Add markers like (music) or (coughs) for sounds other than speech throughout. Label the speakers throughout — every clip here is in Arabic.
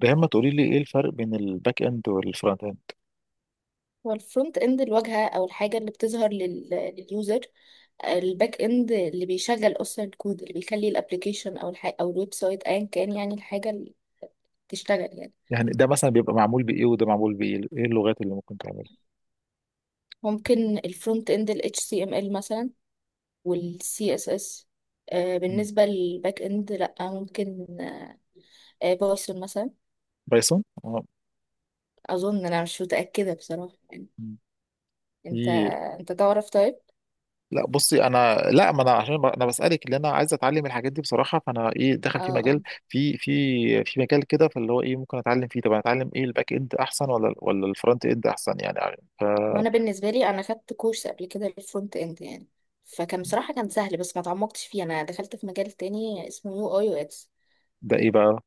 Speaker 1: دايما تقولي لي ايه الفرق بين الباك اند والفرونت اند؟
Speaker 2: هو الفرونت اند الواجهه او الحاجه اللي بتظهر لليوزر. الباك اند اللي بيشغل اصلا الكود اللي بيخلي الابلكيشن او الحاجة او الويب سايت ايا كان، يعني الحاجه اللي تشتغل يعني.
Speaker 1: يعني ده مثلا بيبقى معمول بايه وده معمول بايه، ايه اللغات اللي ممكن تعملها؟
Speaker 2: ممكن الفرونت اند ال HTML مثلا وال CSS،
Speaker 1: مم.
Speaker 2: بالنسبه للباك اند لا ممكن بايثون مثلا.
Speaker 1: بايثون
Speaker 2: اظن، انا مش متاكده بصراحه يعني.
Speaker 1: مم.
Speaker 2: انت
Speaker 1: في.
Speaker 2: انت تعرف طيب؟
Speaker 1: لا بصي، انا لا، ما انا عشان انا بسالك، اللي انا عايز اتعلم الحاجات دي بصراحه، فانا داخل
Speaker 2: اه
Speaker 1: في مجال،
Speaker 2: آه.
Speaker 1: في في في مجال كده، فاللي هو ايه ممكن اتعلم فيه. طب انا اتعلم ايه، الباك اند احسن ولا الفرونت اند احسن يعني, يعني ف
Speaker 2: وانا بالنسبه لي، انا خدت كورس قبل كده للفرونت اند يعني، فكان بصراحه كان سهل بس ما تعمقتش فيه. انا دخلت في مجال تاني اسمه يو اي اكس.
Speaker 1: ده ايه بقى؟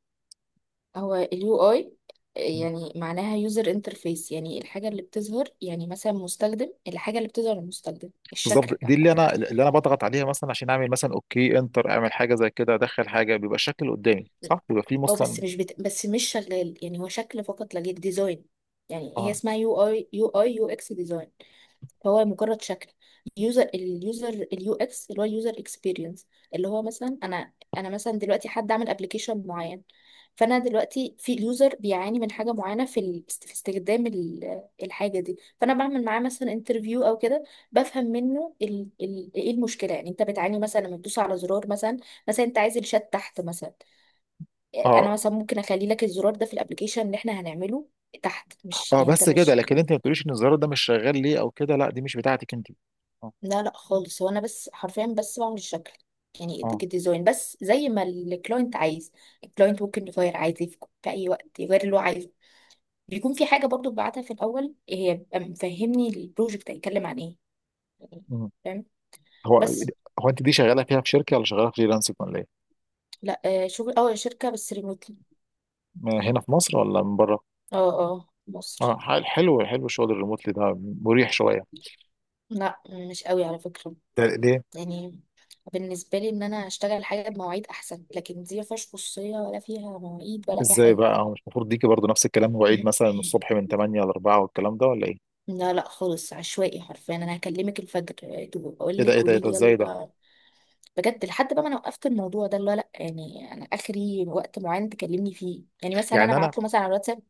Speaker 2: هو اليو اي يعني معناها يوزر انترفيس، يعني الحاجه اللي بتظهر يعني مثلا مستخدم، الحاجه اللي بتظهر للمستخدم،
Speaker 1: بالظبط،
Speaker 2: الشكل
Speaker 1: دي اللي
Speaker 2: عامه.
Speaker 1: انا اللي انا بضغط عليها مثلا عشان اعمل مثلا اوكي انتر، اعمل حاجه زي كده، ادخل حاجه بيبقى الشكل قدامي صح، بيبقى فيه
Speaker 2: اه بس
Speaker 1: مثلا.
Speaker 2: مش بت... بس مش شغال يعني، هو شكل فقط لا غير، ديزاين. يعني هي
Speaker 1: اه.
Speaker 2: اسمها يو اي، يو اي يو اكس ديزاين. هو مجرد شكل. يوزر، اليوزر، اليو اكس اللي هو اليوزر اكسبيرينس. اللي هو مثلا انا مثلا دلوقتي حد عامل ابلكيشن معين، فانا دلوقتي في اليوزر بيعاني من حاجه معينه في استخدام الحاجه دي، فانا بعمل معاه مثلا انترفيو او كده. بفهم منه ال ايه المشكله، يعني انت بتعاني مثلا لما تدوس على زرار مثلا. مثلا انت عايز الشات تحت مثلا،
Speaker 1: اه.
Speaker 2: انا مثلا ممكن اخلي لك الزرار ده في الابلكيشن اللي احنا هنعمله تحت. مش
Speaker 1: اه
Speaker 2: يعني انت
Speaker 1: بس كده،
Speaker 2: مش،
Speaker 1: لكن انت ما بتقوليش ان الزرار ده مش شغال ليه او كده، لا دي مش بتاعتك انت. اه.
Speaker 2: لا لا خالص، هو انا بس حرفيا بس بعمل الشكل يعني،
Speaker 1: اه.
Speaker 2: الديزاين بس زي ما الكلاينت عايز. الكلاينت ممكن يغير عادي في اي وقت يغير اللي هو عايزه. بيكون في حاجه برضو ببعتها في الاول، هي بيبقى مفهمني البروجكت هيتكلم عن ايه يعني.
Speaker 1: مم.
Speaker 2: فاهم؟
Speaker 1: هو
Speaker 2: بس.
Speaker 1: هو انت دي شغاله فيها في شركه ولا شغاله فريلانسنج ولا ايه؟
Speaker 2: لا شغل، اه شركه بس ريموتلي.
Speaker 1: ما هنا في مصر ولا من بره؟
Speaker 2: اه اه مصر.
Speaker 1: اه، حلو حلو شغل الريموتلي ده، مريح شويه.
Speaker 2: لا مش قوي على فكره
Speaker 1: ده ليه؟
Speaker 2: يعني. بالنسبه لي ان انا اشتغل حاجه بمواعيد احسن، لكن دي ما فيهاش خصوصيه ولا فيها مواعيد ولا اي
Speaker 1: ازاي
Speaker 2: حاجه.
Speaker 1: بقى، هو مش المفروض ديكي برضو نفس الكلام، مواعيد مثلا من الصبح
Speaker 2: (coughs)
Speaker 1: من 8 ل 4 والكلام ده ولا ايه؟
Speaker 2: لا لا خالص، عشوائي حرفيا، انا هكلمك الفجر
Speaker 1: ايه
Speaker 2: اقول
Speaker 1: ده
Speaker 2: لك
Speaker 1: ايه ده ايه
Speaker 2: قولي
Speaker 1: ده،
Speaker 2: لي
Speaker 1: ازاي ده؟
Speaker 2: يلا. بجد، لحد بقى ما انا وقفت الموضوع ده، اللي هو لا يعني انا اخري وقت معين تكلمني فيه، يعني مثلا انا
Speaker 1: يعني انا،
Speaker 2: ابعت له مثلا على الواتساب.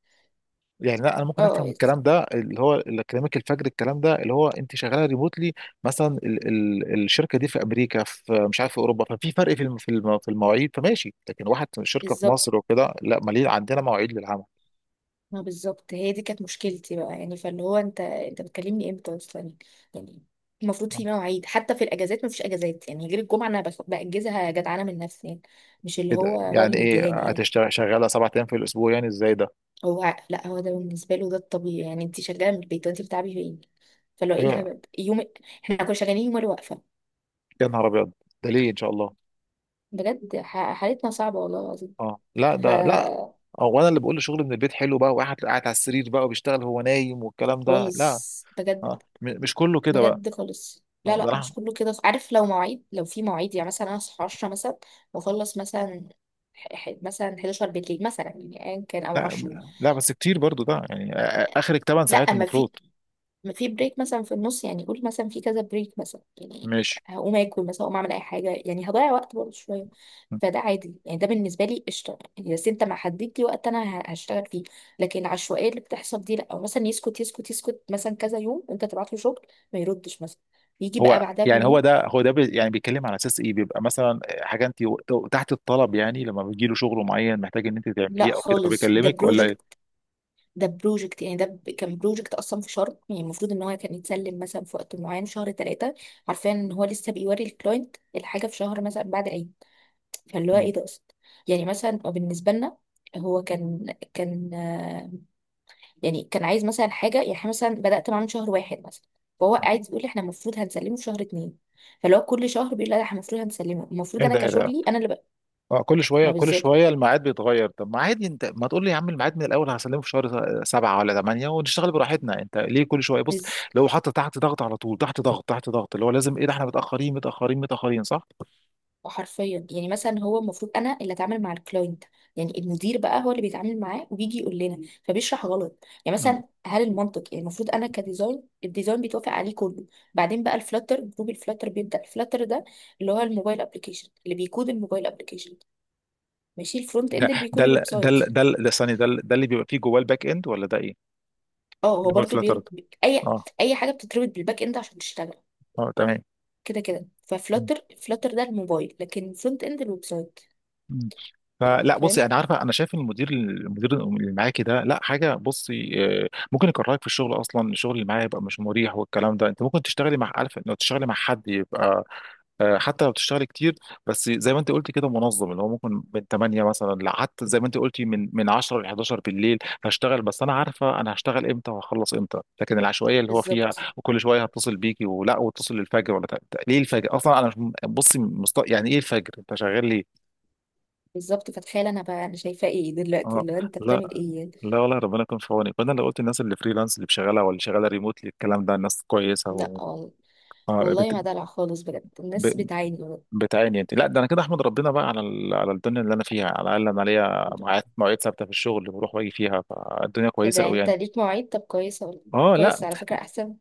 Speaker 1: يعني لا، انا ممكن افهم
Speaker 2: اه
Speaker 1: الكلام ده اللي هو اكاديميك الفجر، الكلام ده اللي هو انت شغاله ريموتلي، مثلا ال الشركه دي في امريكا، في مش عارف في اوروبا، ففي فرق في في المواعيد، فماشي. لكن واحد شركه في
Speaker 2: بالظبط.
Speaker 1: مصر وكده، لا مالين عندنا مواعيد للعمل.
Speaker 2: ما بالظبط، هي دي كانت مشكلتي بقى، يعني فاللي هو انت بتكلمني امتى اصلا يعني؟ المفروض في مواعيد، حتى في الاجازات ما فيش اجازات، يعني غير الجمعه انا باجزها جدعانه من نفسي يعني، مش اللي
Speaker 1: ايه ده،
Speaker 2: هو هو اللي
Speaker 1: يعني ايه
Speaker 2: بيديهاني يعني.
Speaker 1: هتشتغل شغاله سبع ايام في الاسبوع؟ يعني ازاي ده؟
Speaker 2: هو لا، هو ده بالنسبه له ده الطبيعي، يعني انت شغاله من البيت، وانت بتعبي فين؟ فاللي هو ايه
Speaker 1: هي.
Speaker 2: الهبل يوم؟ احنا كنا شغالين يوم الوقفه.
Speaker 1: يا نهار ابيض، ده ليه ان شاء الله؟
Speaker 2: بجد حالتنا صعبه والله العظيم.
Speaker 1: اه لا،
Speaker 2: ف
Speaker 1: ده لا. هو انا اللي بقول شغل من البيت حلو بقى، واحد قاعد على السرير بقى وبيشتغل، هو نايم والكلام ده،
Speaker 2: خالص
Speaker 1: لا.
Speaker 2: بجد.
Speaker 1: آه. مش كله كده بقى.
Speaker 2: بجد خالص، لا
Speaker 1: آه،
Speaker 2: لا مش
Speaker 1: ده
Speaker 2: كله كده، عارف لو مواعيد، لو في مواعيد يعني مثلا انا اصحى 10 مثلا واخلص مثلا مثلا 11 بالليل مثلا يعني ايا كان، او
Speaker 1: لا
Speaker 2: 10.
Speaker 1: لا، بس كتير برضو ده يعني، اخرك 8 ساعات
Speaker 2: لا ما
Speaker 1: المفروض.
Speaker 2: في، ما في بريك مثلا في النص يعني، قول مثلا في كذا بريك مثلا يعني
Speaker 1: ماشي.
Speaker 2: هقوم اكل مثلا، هقوم اعمل اي حاجه يعني، هضيع وقت برضه شويه. فده عادي يعني، ده بالنسبه لي قشطه يعني، بس انت ما حددت لي وقت انا هشتغل فيه. لكن العشوائيه اللي بتحصل دي لا، او مثلا يسكت يسكت مثلا كذا يوم انت تبعت له شغل ما يردش مثلا، يجي بقى
Speaker 1: هو
Speaker 2: بعدها
Speaker 1: يعني، هو
Speaker 2: بيومين.
Speaker 1: ده هو ده يعني بيتكلم على اساس ايه، بيبقى مثلا حاجه انت تحت الطلب، يعني لما بيجي له شغل معين محتاج ان انت
Speaker 2: لا
Speaker 1: تعمليه او كده
Speaker 2: خالص، ده
Speaker 1: فبيكلمك ولا ايه؟
Speaker 2: بروجكت. ده بروجكت يعني، كان بروجكت اصلا في شهر يعني، المفروض ان هو كان يتسلم مثلا في وقت معين شهر ثلاثه. عارفين ان هو لسه بيوري الكلاينت الحاجه في شهر مثلا بعد العيد، فاللي هو
Speaker 1: مم.
Speaker 2: ايه ده اصلا يعني؟ مثلا هو بالنسبه لنا هو كان يعني كان عايز مثلا حاجه يعني، احنا مثلا بدات معاه من شهر واحد مثلا، فهو عايز يقول لي احنا المفروض هنسلمه في شهر اتنين. فاللي هو كل شهر بيقول لا ده احنا المفروض هنسلمه، المفروض
Speaker 1: ايه
Speaker 2: انا
Speaker 1: ده ايه ده
Speaker 2: كشغلي انا اللي بقى.
Speaker 1: اه كل شويه
Speaker 2: ما
Speaker 1: كل
Speaker 2: بالظبط.
Speaker 1: شويه الميعاد بيتغير. طب ما عادي، انت ما تقول لي يا عم الميعاد من الاول، هسلمه في شهر سبعه ولا ثمانيه ونشتغل براحتنا. انت ليه كل شويه بص
Speaker 2: بز
Speaker 1: لو حاطط تحت ضغط على طول، تحت ضغط تحت ضغط، اللي هو لازم ايه ده احنا متاخرين متاخرين متاخرين صح؟
Speaker 2: حرفيا يعني، مثلا هو المفروض انا اللي اتعامل مع الكلاينت يعني، المدير بقى هو اللي بيتعامل معاه وبيجي يقول لنا، فبيشرح غلط يعني. مثلا هل المنطق يعني، المفروض انا كديزاين الديزاين بيتوافق عليه كله، بعدين بقى الفلاتر جروب، الفلاتر بيبدا الفلاتر ده اللي هو الموبايل ابلكيشن، اللي بيكود الموبايل ابلكيشن. ماشي، الفرونت
Speaker 1: ده
Speaker 2: اند اللي
Speaker 1: ده
Speaker 2: بيكود
Speaker 1: ال-
Speaker 2: الويب
Speaker 1: ده
Speaker 2: سايت.
Speaker 1: ال- ده ال- ده ثانية، ده اللي بيبقى فيه جواه الباك اند ولا ده ايه؟
Speaker 2: اه هو
Speaker 1: اللي هو
Speaker 2: برضو
Speaker 1: الفلاتر ده.
Speaker 2: اي،
Speaker 1: اه.
Speaker 2: اي حاجه بتتربط بالباك اند عشان تشتغل
Speaker 1: اه تمام.
Speaker 2: كده كده.
Speaker 1: مم.
Speaker 2: ففلاتر، فلاتر ده الموبايل، لكن الفرونت اند الويب سايت.
Speaker 1: مم.
Speaker 2: يعني
Speaker 1: فلا بصي،
Speaker 2: فاهم.
Speaker 1: انا عارفه، انا شايف المدير، المدير اللي معاكي ده لا حاجه، بصي آه، ممكن يكرهك في الشغل اصلا، الشغل اللي معاه يبقى مش مريح والكلام ده. انت ممكن تشتغلي مع، عارفه لو تشتغلي مع حد يبقى آه، حتى لو بتشتغل كتير بس زي ما انت قلت كده منظم، اللي هو ممكن من 8 مثلا لحتى زي ما انت قلتي من 10 ل 11 بالليل هشتغل، بس انا عارفه انا هشتغل امتى وهخلص امتى. لكن العشوائيه اللي هو فيها،
Speaker 2: بالظبط،
Speaker 1: وكل شويه هتصل بيكي ولا واتصل للفجر، ولا ليه الفجر اصلا؟ انا مش بصي مست... يعني ايه الفجر انت شغال ليه؟
Speaker 2: بالظبط. فتخيل انا بقى انا شايفاه ايه دلوقتي،
Speaker 1: اه.
Speaker 2: اللي هو انت بتعمل
Speaker 1: لا
Speaker 2: ايه يعني؟
Speaker 1: لا والله، ربنا يكون في عونك. فانا لو قلت الناس اللي فريلانس، اللي شغاله واللي شغاله ريموتلي الكلام ده الناس كويسه
Speaker 2: لا
Speaker 1: و...
Speaker 2: وال-
Speaker 1: آه،
Speaker 2: والله ما دلع خالص بجد،
Speaker 1: بت...
Speaker 2: الناس بتعاني.
Speaker 1: بتعاني انت، لا ده انا كده احمد ربنا بقى على على الدنيا اللي انا فيها، على الاقل انا ليا
Speaker 2: بجد.
Speaker 1: ميعاد، مواعيد ثابته في الشغل اللي بروح واجي فيها، فالدنيا
Speaker 2: ايه
Speaker 1: كويسه
Speaker 2: ده
Speaker 1: قوي
Speaker 2: انت
Speaker 1: يعني.
Speaker 2: ليك مواعيد؟ طب كويسه والله.
Speaker 1: اه. لا
Speaker 2: كويس على فكره احسن.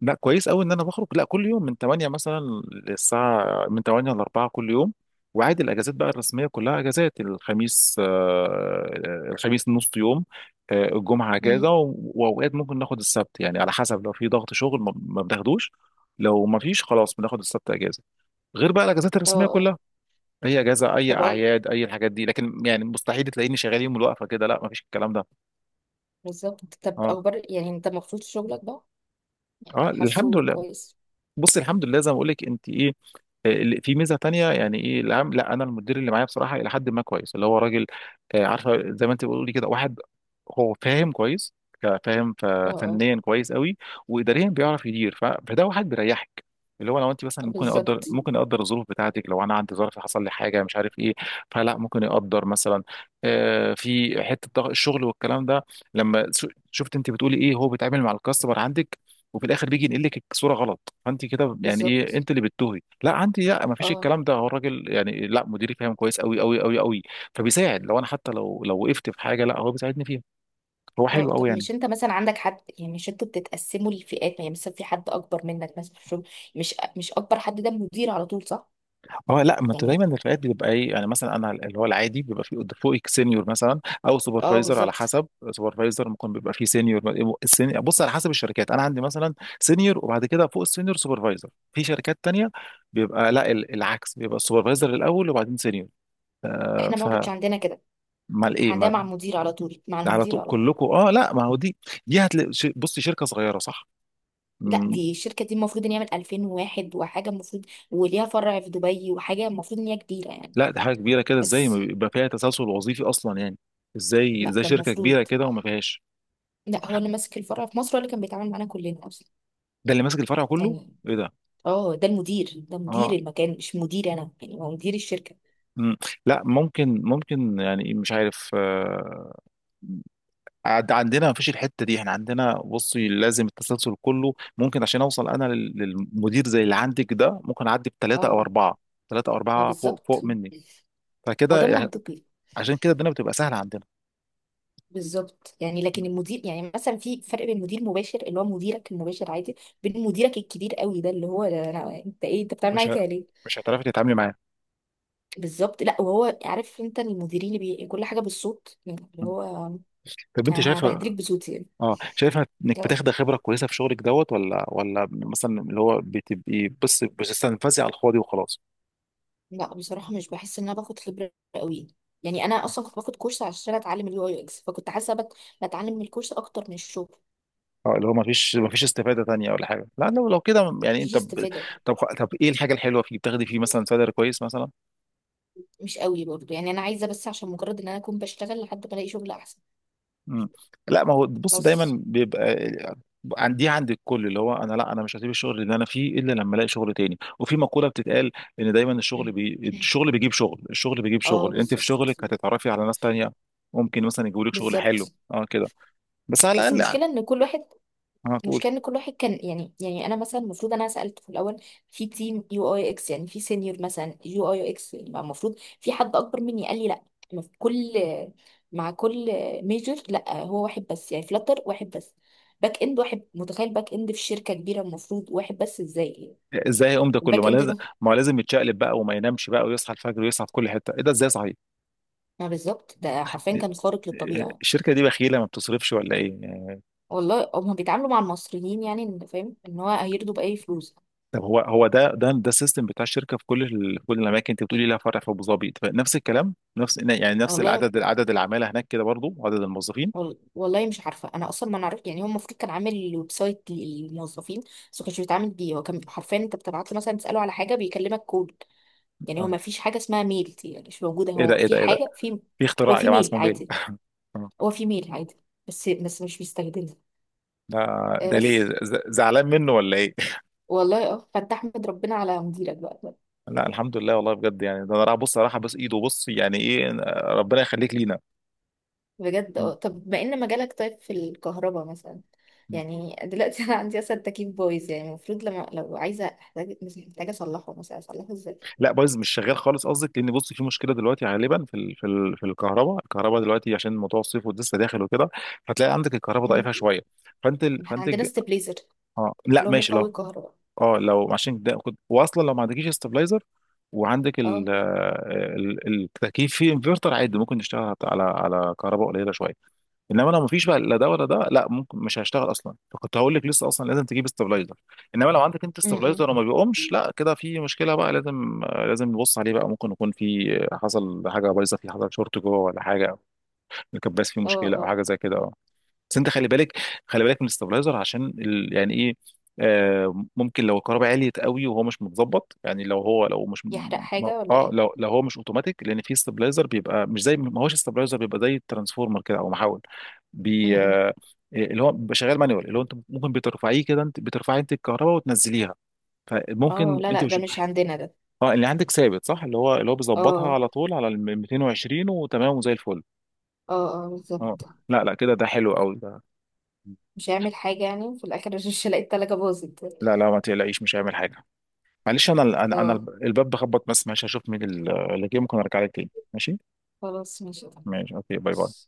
Speaker 1: لا، كويس قوي ان انا بخرج لا كل يوم من 8 مثلا، للساعه من 8 ل 4 كل يوم. وعادي الاجازات بقى الرسميه كلها اجازات. الخميس آه، الخميس نص يوم. آه، الجمعه
Speaker 2: امم.
Speaker 1: اجازه، واوقات ممكن ناخد السبت، يعني على حسب لو في ضغط شغل ما بناخدوش. لو ما فيش خلاص بناخد السبت اجازه، غير بقى الاجازات
Speaker 2: اه
Speaker 1: الرسميه
Speaker 2: اه.
Speaker 1: كلها. اي اجازه، اي
Speaker 2: طب اه.
Speaker 1: اعياد، اي الحاجات دي، لكن يعني مستحيل تلاقيني شغال يوم الوقفه كده. لا ما فيش الكلام ده.
Speaker 2: بالظبط. طب
Speaker 1: اه.
Speaker 2: اخبار يعني انت المفروض شغلك بقى؟
Speaker 1: اه الحمد
Speaker 2: حاسه
Speaker 1: لله.
Speaker 2: كويس؟
Speaker 1: بص، الحمد لله زي ما بقول لك انت ايه، في ميزه تانية يعني، ايه العام، لا انا المدير اللي معايا بصراحه الى حد ما كويس، اللي هو راجل آه، عارفه زي ما انت بتقولي كده، واحد هو فاهم كويس، ك- فاهم ف-
Speaker 2: اه اه.
Speaker 1: فنيا كويس قوي، واداريا بيعرف يدير، فده واحد بيريحك، اللي هو لو انت مثلا ممكن يقدر،
Speaker 2: بالظبط.
Speaker 1: ممكن يقدر الظروف بتاعتك، لو انا عندي ظرف حصل لي حاجه مش عارف ايه فلا ممكن يقدر مثلا آه، في حته ضغط الشغل والكلام ده، لما شفت انت بتقولي ايه هو بيتعامل مع الكاستمر عندك وفي الاخر بيجي ينقل لك الصوره غلط، فانت كده يعني ايه
Speaker 2: بالظبط.
Speaker 1: انت اللي بتتوهي، لا عندي لا ما فيش
Speaker 2: اه
Speaker 1: الكلام ده، هو الراجل يعني لا، مديري فاهم كويس قوي قوي قوي قوي. فبيساعد، لو انا حتى لو لو وقفت في حاجه لا هو بيساعدني فيها، هو
Speaker 2: اه.
Speaker 1: حلو قوي
Speaker 2: طب
Speaker 1: يعني.
Speaker 2: مش انت مثلا عندك حد يعني، مش انتوا بتتقسموا لفئات، يعني مثلا في حد اكبر منك مثلا في الشغل؟ مش اكبر، حد ده مدير على طول صح؟
Speaker 1: اه. لا ما انت دايما
Speaker 2: يعني
Speaker 1: الرفقات بتبقى ايه، يعني مثلا انا اللي هو العادي بيبقى في فوقك سينيور مثلا، او
Speaker 2: اه
Speaker 1: سوبرفايزر على
Speaker 2: بالظبط.
Speaker 1: حسب. سوبرفايزر ممكن بيبقى فيه سينيور. بص على حسب الشركات، انا عندي مثلا سينيور وبعد كده فوق السينيور سوبرفايزر. في شركات تانية بيبقى لا العكس، بيبقى السوبرفايزر الاول وبعدين سينيور آه،
Speaker 2: احنا بقى ما
Speaker 1: فمال.
Speaker 2: كانش عندنا كده،
Speaker 1: ايه
Speaker 2: احنا عندنا مع المدير على طول، مع
Speaker 1: ده، على
Speaker 2: المدير
Speaker 1: طول
Speaker 2: على طول.
Speaker 1: كلكم؟ اه لا، ما هو دي، دي هتلاقي بصي شركه صغيره صح.
Speaker 2: لا
Speaker 1: مم.
Speaker 2: دي الشركه دي المفروض ان يعمل 2001 وحاجه، المفروض وليها فرع في دبي وحاجه، المفروض ان هي كبيره يعني.
Speaker 1: لا دي حاجه كبيره كده، ازاي ما
Speaker 2: بس
Speaker 1: بيبقى فيها تسلسل وظيفي اصلا يعني؟ ازاي
Speaker 2: لا
Speaker 1: ازاي
Speaker 2: ده
Speaker 1: شركه كبيره
Speaker 2: المفروض،
Speaker 1: كده وما فيهاش؟
Speaker 2: لا هو اللي ماسك الفرع في مصر هو اللي كان بيتعامل معانا كلنا اصلا
Speaker 1: ده اللي ماسك الفرع كله؟
Speaker 2: يعني.
Speaker 1: ايه ده.
Speaker 2: اه ده المدير، ده مدير
Speaker 1: اه.
Speaker 2: المكان مش مدير انا يعني، هو مدير الشركه.
Speaker 1: مم. لا ممكن ممكن يعني مش عارف آه، عندنا ما فيش الحته دي. احنا عندنا بصي لازم التسلسل كله، ممكن عشان اوصل انا للمدير زي اللي عندك ده، ممكن اعدي
Speaker 2: اه
Speaker 1: بثلاثه او اربعه، ثلاثه او
Speaker 2: ما
Speaker 1: اربعه فوق
Speaker 2: بالظبط.
Speaker 1: فوق مني.
Speaker 2: ما ده
Speaker 1: فكده،
Speaker 2: منطقي.
Speaker 1: عشان كده الدنيا بتبقى سهله عندنا.
Speaker 2: بالظبط يعني، لكن المدير يعني مثلا في فرق بين مدير مباشر اللي هو مديرك المباشر عادي، بين مديرك الكبير قوي، ده اللي هو ده أنا انت ايه، انت بتعمل
Speaker 1: مش
Speaker 2: معايا
Speaker 1: ه...
Speaker 2: كده ليه؟
Speaker 1: مش هتعرفي تتعاملي معاه.
Speaker 2: بالظبط. لا، وهو عارف انت المديرين كل حاجه بالصوت يعني اللي
Speaker 1: مم.
Speaker 2: هو،
Speaker 1: طب انت
Speaker 2: أنا
Speaker 1: شايفه،
Speaker 2: هبهدلك بصوتي يعني.
Speaker 1: اه شايفه انك
Speaker 2: لا،
Speaker 1: بتاخدي خبره كويسه في شغلك دوت، ولا مثلا اللي هو بتبقي بس بتستنفذي على الفاضي وخلاص؟
Speaker 2: لا، بصراحه مش بحس ان انا باخد خبره قوي يعني. انا اصلا كنت باخد كورس عشان اتعلم اليو اي اكس، فكنت حاسه بتعلم من الكورس اكتر من الشغل.
Speaker 1: اه، اللي هو ما فيش استفاده تانية ولا حاجه، لا لو لو كده يعني
Speaker 2: مفيش
Speaker 1: انت ب...
Speaker 2: استفاده.
Speaker 1: طب طب، ايه الحاجه الحلوه فيه، بتاخدي فيه مثلا سالري كويس مثلا؟
Speaker 2: مش قوي برضه يعني، انا عايزه بس عشان مجرد ان انا اكون بشتغل لحد ما الاقي شغل احسن.
Speaker 1: مم. لا ما هو بص،
Speaker 2: بس.
Speaker 1: دايما بيبقى دي عند الكل، اللي هو انا لا انا مش هسيب الشغل اللي انا فيه الا لما الاقي شغل تاني. وفي مقوله بتتقال، ان دايما الشغل
Speaker 2: (clears throat)
Speaker 1: الشغل بيجيب شغل، الشغل بيجيب
Speaker 2: اه
Speaker 1: شغل، انت في
Speaker 2: بالظبط.
Speaker 1: شغلك هتتعرفي على ناس تانية، ممكن مثلا يجيبوا لك شغل حلو.
Speaker 2: بالظبط.
Speaker 1: اه كده. بس على
Speaker 2: بس
Speaker 1: الاقل يعني
Speaker 2: المشكله ان كل واحد،
Speaker 1: هتقول،
Speaker 2: المشكله ان كل واحد كان يعني، انا مثلا المفروض انا سالت في الاول في تيم يو اي اكس يعني في سينيور مثلا يو اي اكس يبقى المفروض في حد اكبر مني، قال لي لا. ما في كل مع كل ميجر لا، هو واحد بس يعني، فلتر واحد بس، باك اند واحد. متخيل باك اند في شركه كبيره المفروض واحد بس؟ ازاي؟
Speaker 1: ازاي هيقوم ده كله،
Speaker 2: الباك
Speaker 1: ما
Speaker 2: اند
Speaker 1: لازم،
Speaker 2: اللي-
Speaker 1: ما هو لازم يتشقلب بقى وما ينامش بقى ويصحى الفجر ويصحى في كل حته، ايه ده، ازاي صحيح؟
Speaker 2: ما بالظبط، ده حرفيا
Speaker 1: إيه-
Speaker 2: كان خارق
Speaker 1: إيه،
Speaker 2: للطبيعه.
Speaker 1: الشركه دي بخيله ما بتصرفش ولا ايه؟
Speaker 2: والله هما بيتعاملوا مع المصريين يعني، ان فاهم ان هو هيرضوا باي فلوس.
Speaker 1: طب هو، هو ده السيستم بتاع الشركه في كل الاماكن؟ انت بتقولي لها فرع في ابو ظبي، طب نفس الكلام، نفس يعني نفس
Speaker 2: والله
Speaker 1: العدد، العدد العماله هناك كده برضو عدد الموظفين.
Speaker 2: والله مش عارفه، انا اصلا ما نعرف يعني. هو المفروض كان عامل ويب سايت للموظفين بس ما كانش بيتعامل بيه، هو كان حرفيا انت بتبعت له مثلا تساله على حاجه بيكلمك كود يعني. هو
Speaker 1: اه.
Speaker 2: ما فيش حاجه اسمها ميل دي يعني، مش موجوده.
Speaker 1: ايه ده
Speaker 2: هو
Speaker 1: ايه
Speaker 2: في
Speaker 1: ده ايه ده،
Speaker 2: حاجه، في،
Speaker 1: في
Speaker 2: هو
Speaker 1: اختراع يا
Speaker 2: في
Speaker 1: جماعه
Speaker 2: ميل
Speaker 1: اسمه بيل
Speaker 2: عادي،
Speaker 1: (laughs) آه.
Speaker 2: هو في ميل عادي بس، مش بيستخدمها
Speaker 1: ده،
Speaker 2: آه
Speaker 1: ده ليه
Speaker 2: بس.
Speaker 1: زعلان منه ولا ايه؟
Speaker 2: والله اه، فانت احمد ربنا على مديرك بقى.
Speaker 1: (laughs) لا الحمد لله والله بجد، يعني ده انا راح بص، راح بس ايده بص يعني ايه، ربنا يخليك لينا.
Speaker 2: بجد. اه طب، بما ان مجالك طيب في الكهرباء مثلا، يعني دلوقتي (laughs) انا عندي اصلا تكييف بايظ يعني، المفروض لما لو عايزه احتاج، محتاجه اصلحه مثلا، اصلحه ازاي؟
Speaker 1: لا بايظ مش شغال خالص قصدك؟ لان بص في مشكله دلوقتي غالبا في ال... في ال... في الكهرباء، الكهرباء دلوقتي عشان موضوع الصيف ولسه داخل وكده، هتلاقي عندك الكهرباء
Speaker 2: مم.
Speaker 1: ضعيفه شويه. فانت ال...
Speaker 2: عندنا ستابليزر
Speaker 1: اه لا
Speaker 2: اللي هو
Speaker 1: ماشي، لو
Speaker 2: مقوي كهرباء.
Speaker 1: اه لو عشان ده كنت واصلا لو ما عندكيش استابلايزر وعندك ال...
Speaker 2: اه
Speaker 1: آه، ال... التكييف فيه انفرتر، عادي ممكن نشتغل على على كهرباء قليله شويه. انما لو مفيش بقى لا ده ولا ده، لا ممكن مش هيشتغل اصلا، فكنت هقول لك لسه اصلا لازم تجيب استابلايزر. انما لو عندك انت
Speaker 2: امم.
Speaker 1: استابلايزر وما بيقومش لا كده في مشكله بقى، لازم لازم نبص عليه بقى، ممكن يكون في حصل حاجه بايظه، في حصل شورت جوه ولا حاجه، الكباس فيه
Speaker 2: اه
Speaker 1: مشكله او
Speaker 2: اه.
Speaker 1: حاجه زي كده. بس انت خلي بالك، خلي بالك من الاستابلايزر، عشان ال... يعني ايه آه، ممكن لو الكهرباء عليت قوي وهو مش متظبط، يعني لو هو لو مش
Speaker 2: يحرق
Speaker 1: م-
Speaker 2: حاجة ولا
Speaker 1: اه
Speaker 2: ايه؟
Speaker 1: لو لو هو مش اوتوماتيك. لان في استابلايزر بيبقى مش زي، ما هوش استابلايزر بيبقى زي الترانسفورمر كده او محول بي
Speaker 2: امم.
Speaker 1: آه آه، اللي هو بيبقى شغال مانيوال، اللي هو انت ممكن بترفعيه كده، انت بترفعي انت الكهرباء وتنزليها.
Speaker 2: اه
Speaker 1: فممكن
Speaker 2: لا
Speaker 1: انت
Speaker 2: لا ده
Speaker 1: مش.
Speaker 2: مش عندنا ده.
Speaker 1: اه اللي عندك ثابت صح، اللي هو بيظبطها
Speaker 2: اه
Speaker 1: على طول على ال 220 وتمام وزي الفل.
Speaker 2: اه اه
Speaker 1: اه.
Speaker 2: بالظبط.
Speaker 1: لا لا كده ده حلو قوي ده.
Speaker 2: مش هيعمل حاجة يعني في الآخر؟ (laughs) مش هلاقي التلاجة باظت.
Speaker 1: لا لا ما تقلقيش مش هيعمل حاجه. معلش انا انا
Speaker 2: اه
Speaker 1: الباب بخبط، بس ماشي هشوف مين اللي جه، ممكن ارجع لك تاني ماشي؟
Speaker 2: خلاص ماشي.
Speaker 1: ماشي اوكي، باي باي.